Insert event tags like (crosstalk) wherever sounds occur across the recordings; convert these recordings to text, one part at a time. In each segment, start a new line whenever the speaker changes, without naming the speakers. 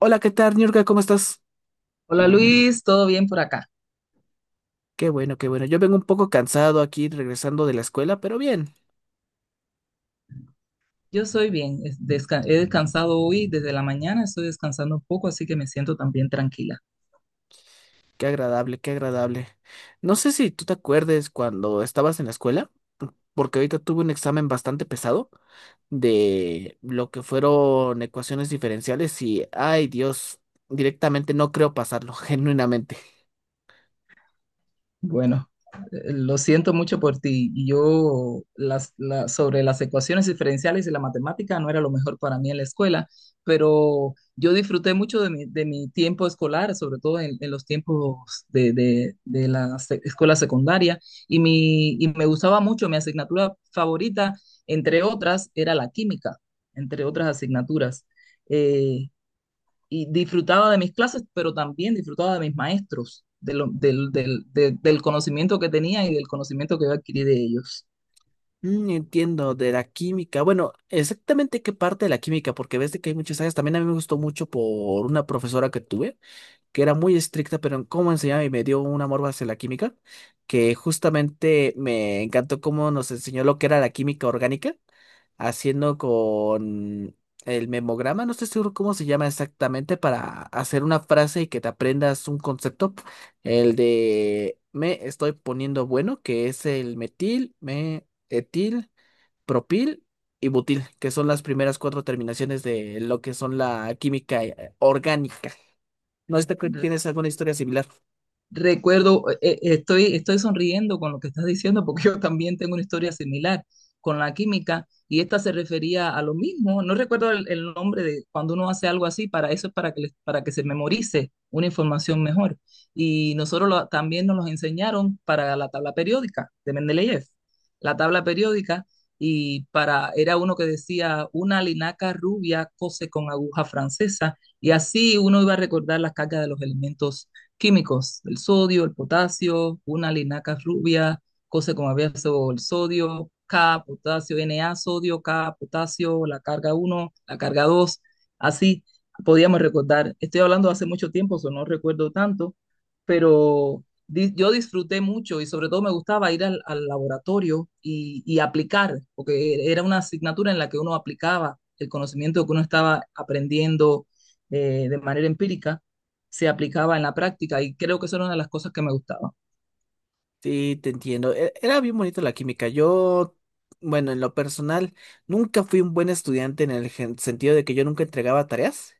Hola, ¿qué tal, Niurka? ¿Cómo estás?
Hola Luis, ¿todo bien por acá?
Qué bueno, qué bueno. Yo vengo un poco cansado aquí regresando de la escuela, pero bien.
Yo soy bien, he descansado hoy desde la mañana, estoy descansando un poco, así que me siento también tranquila.
Qué agradable, qué agradable. No sé si tú te acuerdes cuando estabas en la escuela, porque ahorita tuve un examen bastante pesado de lo que fueron ecuaciones diferenciales y, ay Dios, directamente no creo pasarlo, (laughs) genuinamente.
Bueno, lo siento mucho por ti. Y sobre las ecuaciones diferenciales y la matemática no era lo mejor para mí en la escuela, pero yo disfruté mucho de mi tiempo escolar, sobre todo en los tiempos de la escuela secundaria, y me gustaba mucho. Mi asignatura favorita, entre otras, era la química, entre otras asignaturas. Eh, y disfrutaba de mis clases, pero también disfrutaba de mis maestros, de lo- del, del- de- del conocimiento que tenía y del conocimiento que yo adquirí de ellos.
Entiendo, de la química. Bueno, exactamente qué parte de la química, porque ves de que hay muchas áreas. También a mí me gustó mucho por una profesora que tuve que era muy estricta, pero en cómo enseñaba y me dio un amor hacia la química, que justamente me encantó cómo nos enseñó lo que era la química orgánica, haciendo con el memograma, no estoy seguro cómo se llama exactamente, para hacer una frase y que te aprendas un concepto, el de me estoy poniendo bueno, que es el metil, me, etil, propil. Y butil, que son las primeras cuatro terminaciones de lo que son la química orgánica. No sé si tienes alguna historia similar.
Recuerdo, estoy sonriendo con lo que estás diciendo porque yo también tengo una historia similar con la química y esta se refería a lo mismo. No recuerdo el nombre de cuando uno hace algo así, para eso es para que se memorice una información mejor. Y nosotros también nos los enseñaron para la tabla periódica de Mendeleev, la tabla periódica, y para, era uno que decía una linaca rubia cose con aguja francesa, y así uno iba a recordar las cargas de los elementos químicos, el sodio, el potasio, una linaca rubia, cosas como abierto el sodio, K, potasio, Na, sodio, K, potasio, la carga uno, la carga 2, así podíamos recordar. Estoy hablando hace mucho tiempo, eso no recuerdo tanto, pero yo disfruté mucho y sobre todo me gustaba ir al laboratorio y aplicar, porque era una asignatura en la que uno aplicaba el conocimiento que uno estaba aprendiendo de manera empírica se aplicaba en la práctica y creo que eso era una de las cosas que me gustaba.
Sí, te entiendo. Era bien bonito la química. Yo, bueno, en lo personal, nunca fui un buen estudiante en el sentido de que yo nunca entregaba tareas,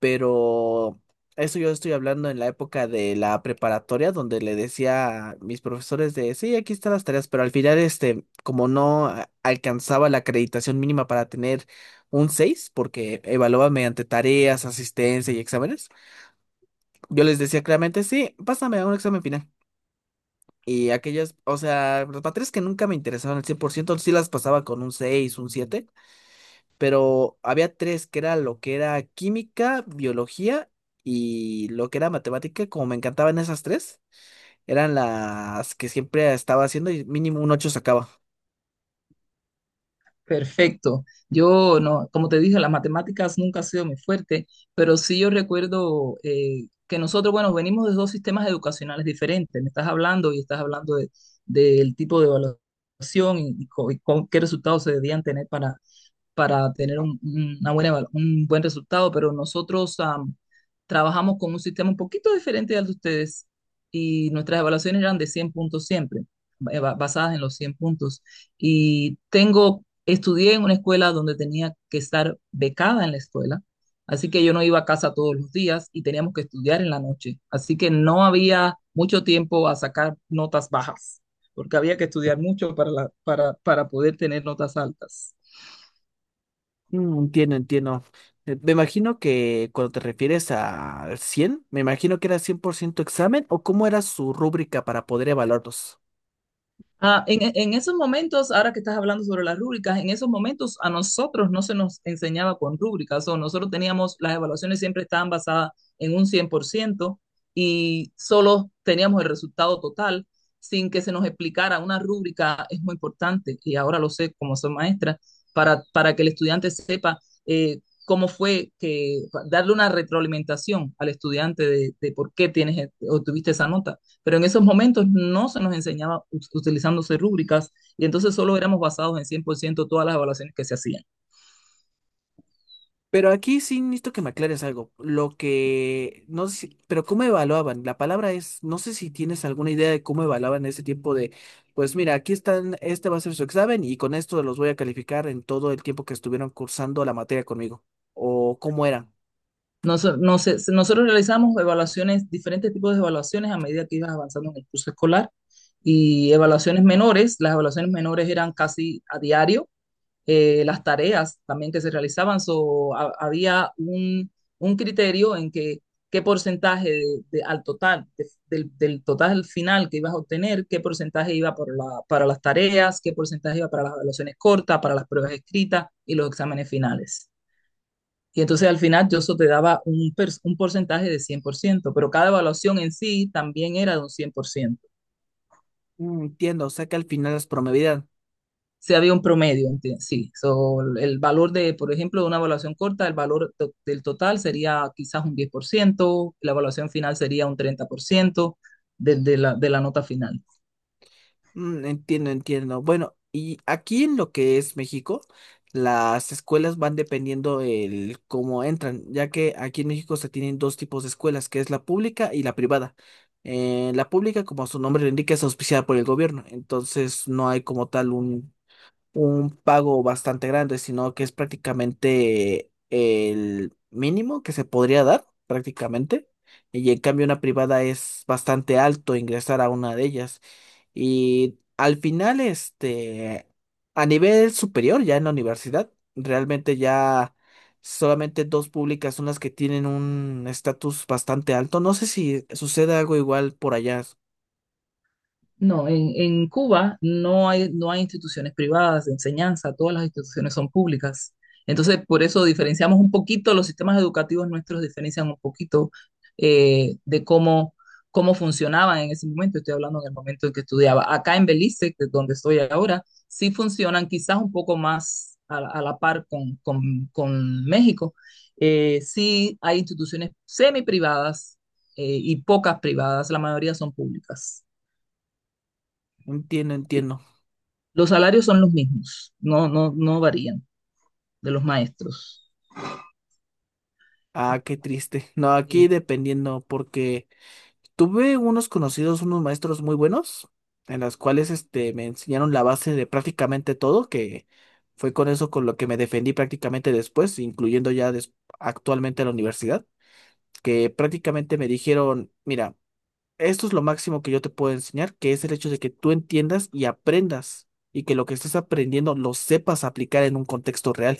pero eso yo estoy hablando en la época de la preparatoria, donde le decía a mis profesores de, sí, aquí están las tareas, pero al final, este, como no alcanzaba la acreditación mínima para tener un 6 porque evaluaba mediante tareas, asistencia y exámenes, yo les decía claramente, sí, pásame a un examen final. Y aquellas, o sea, las materias que nunca me interesaban al 100% sí las pasaba con un 6 un 7, pero había tres que era lo que era química, biología y lo que era matemática, como me encantaban esas tres, eran las que siempre estaba haciendo y mínimo un 8 sacaba.
Perfecto. Yo no, como te dije, las matemáticas nunca ha sido mi fuerte, pero sí yo recuerdo que nosotros, bueno, venimos de dos sistemas educacionales diferentes. Me estás hablando y estás hablando del tipo de evaluación y con qué resultados se debían tener para tener un buen resultado, pero nosotros trabajamos con un sistema un poquito diferente al de ustedes y nuestras evaluaciones eran de 100 puntos siempre, basadas en los 100 puntos. Y estudié en una escuela donde tenía que estar becada en la escuela, así que yo no iba a casa todos los días y teníamos que estudiar en la noche, así que no había mucho tiempo a sacar notas bajas, porque había que estudiar mucho para poder tener notas altas.
Entiendo, entiendo. Me imagino que cuando te refieres al 100, me imagino que era 100% examen, o cómo era su rúbrica para poder evaluarlos.
Ah, en esos momentos, ahora que estás hablando sobre las rúbricas, en esos momentos a nosotros no se nos enseñaba con rúbricas, o nosotros teníamos, las evaluaciones siempre estaban basadas en un 100% y solo teníamos el resultado total sin que se nos explicara. Una rúbrica es muy importante y ahora lo sé como soy maestra, para que el estudiante sepa eh, cómo fue que, darle una retroalimentación al estudiante de obtuviste esa nota. Pero en esos momentos no se nos enseñaba utilizándose rúbricas y entonces solo éramos basados en 100% todas las evaluaciones que se hacían.
Pero aquí sí necesito que me aclares algo. Lo que, no sé, pero ¿cómo evaluaban? La palabra es, no sé si tienes alguna idea de cómo evaluaban ese tiempo de, pues mira, aquí están, este va a ser su examen y con esto los voy a calificar en todo el tiempo que estuvieron cursando la materia conmigo. O cómo era.
Nosotros realizamos evaluaciones, diferentes tipos de evaluaciones a medida que ibas avanzando en el curso escolar y evaluaciones menores. Las evaluaciones menores eran casi a diario las tareas también que se realizaban. So, había un criterio en que qué porcentaje de- al total, de- del, del total final que ibas a obtener, qué porcentaje iba para las tareas, qué porcentaje iba para las evaluaciones cortas, para las pruebas escritas y los exámenes finales. Y entonces al final yo eso te daba un porcentaje de 100% pero cada evaluación en sí también era de un 100%
Entiendo, o sea que al final las promedian.
si había un promedio, sí. So, el valor de, por ejemplo, de una evaluación corta, el valor del total sería quizás un 10%, la evaluación final sería un 30% de la nota final.
Entiendo, entiendo. Bueno, y aquí en lo que es México, las escuelas van dependiendo el cómo entran, ya que aquí en México se tienen dos tipos de escuelas, que es la pública y la privada. La pública, como su nombre lo indica, es auspiciada por el gobierno, entonces no hay como tal un pago bastante grande, sino que es prácticamente el mínimo que se podría dar, prácticamente. Y en cambio una privada es bastante alto ingresar a una de ellas. Y al final, este, a nivel superior, ya en la universidad, realmente ya solamente dos públicas son las que tienen un estatus bastante alto. No sé si sucede algo igual por allá.
No, en Cuba no hay instituciones privadas de enseñanza, todas las instituciones son públicas. Entonces, por eso diferenciamos un poquito, los sistemas educativos nuestros diferencian un poquito de cómo funcionaban en ese momento. Estoy hablando en el momento en que estudiaba. Acá en Belice, que es donde estoy ahora, sí funcionan quizás un poco más a la par con México. Sí hay instituciones semi privadas y pocas privadas, la mayoría son públicas.
Entiendo, entiendo.
Los salarios son los mismos, no varían de los maestros.
Ah, qué triste. No, aquí
Eh,
dependiendo, porque tuve unos conocidos, unos maestros muy buenos, en las cuales este, me enseñaron la base de prácticamente todo, que fue con eso con lo que me defendí prácticamente después, incluyendo ya actualmente la universidad, que prácticamente me dijeron, mira, esto es lo máximo que yo te puedo enseñar, que es el hecho de que tú entiendas y aprendas, y que lo que estés aprendiendo lo sepas aplicar en un contexto real,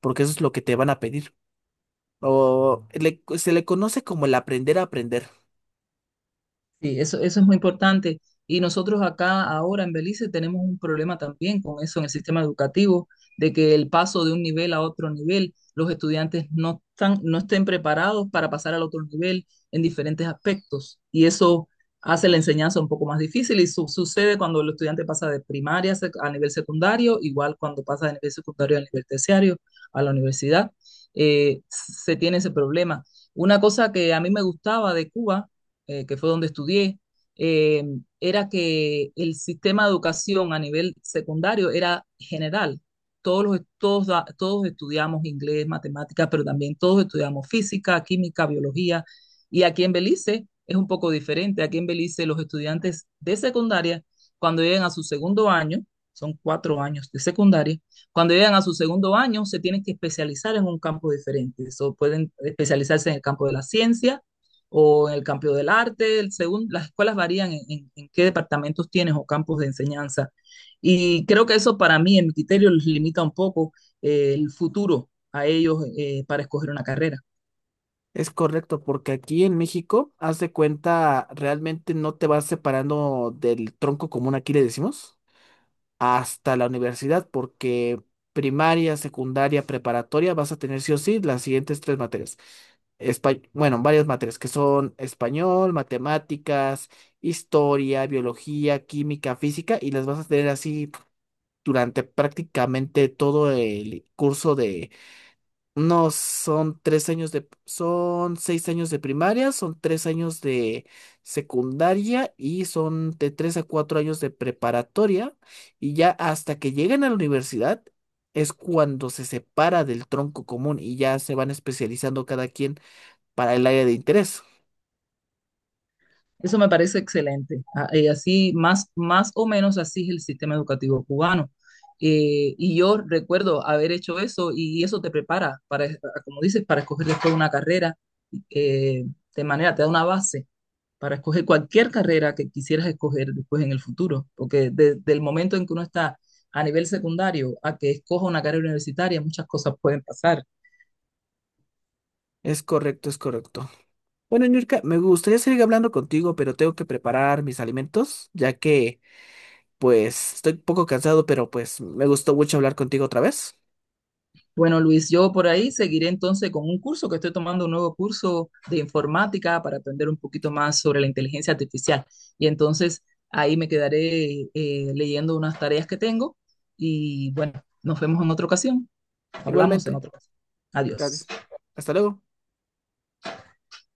porque eso es lo que te van a pedir. O se le conoce como el aprender a aprender.
Sí, eso es muy importante. Y nosotros acá ahora en Belice tenemos un problema también con eso en el sistema educativo, de que el paso de un nivel a otro nivel, los estudiantes no estén preparados para pasar al otro nivel en diferentes aspectos. Y eso hace la enseñanza un poco más difícil y sucede cuando el estudiante pasa de primaria a nivel secundario, igual cuando pasa de nivel secundario al nivel terciario, a la universidad, se tiene ese problema. Una cosa que a mí me gustaba de Cuba que fue donde estudié, eh, era que el sistema de educación a nivel secundario era general. Todos, los, todos, da- Todos estudiamos inglés, matemáticas, pero también todos estudiamos física, química, biología. Y aquí en Belice es un poco diferente. Aquí en Belice los estudiantes de secundaria, cuando llegan a su segundo año, son 4 años de secundaria, cuando llegan a su segundo año se tienen que especializar en un campo diferente. So, pueden especializarse en el campo de la ciencia, o en el campo del arte, las escuelas varían en qué departamentos tienes o campos de enseñanza. Y creo que eso para mí, en mi criterio, les limita un poco el futuro a ellos para escoger una carrera.
Es correcto, porque aquí en México, haz de cuenta, realmente no te vas separando del tronco común, aquí le decimos, hasta la universidad, porque primaria, secundaria, preparatoria, vas a tener sí o sí las siguientes tres materias. Bueno, varias materias que son español, matemáticas, historia, biología, química, física, y las vas a tener así durante prácticamente todo el curso. No, son 3 años de, son 6 años de primaria, son 3 años de secundaria y son de 3 a 4 años de preparatoria. Y ya hasta que lleguen a la universidad es cuando se separa del tronco común y ya se van especializando cada quien para el área de interés.
Eso me parece excelente. Así, más o menos así es el sistema educativo cubano. Y yo recuerdo haber hecho eso y eso te prepara para, como dices, para escoger después una carrera eh, te da una base para escoger cualquier carrera que quisieras escoger después en el futuro, porque desde el momento en que uno está a nivel secundario a que escoja una carrera universitaria, muchas cosas pueden pasar.
Es correcto, es correcto. Bueno, Nurka, me gustaría seguir hablando contigo, pero tengo que preparar mis alimentos, ya que pues estoy un poco cansado, pero pues me gustó mucho hablar contigo otra vez.
Bueno, Luis, yo por ahí seguiré entonces con un curso que estoy tomando, un nuevo curso de informática para aprender un poquito más sobre la inteligencia artificial. Y entonces ahí me quedaré leyendo unas tareas que tengo y bueno, nos vemos en otra ocasión. Hablamos en
Igualmente.
otra ocasión. Adiós.
Gracias. Hasta luego.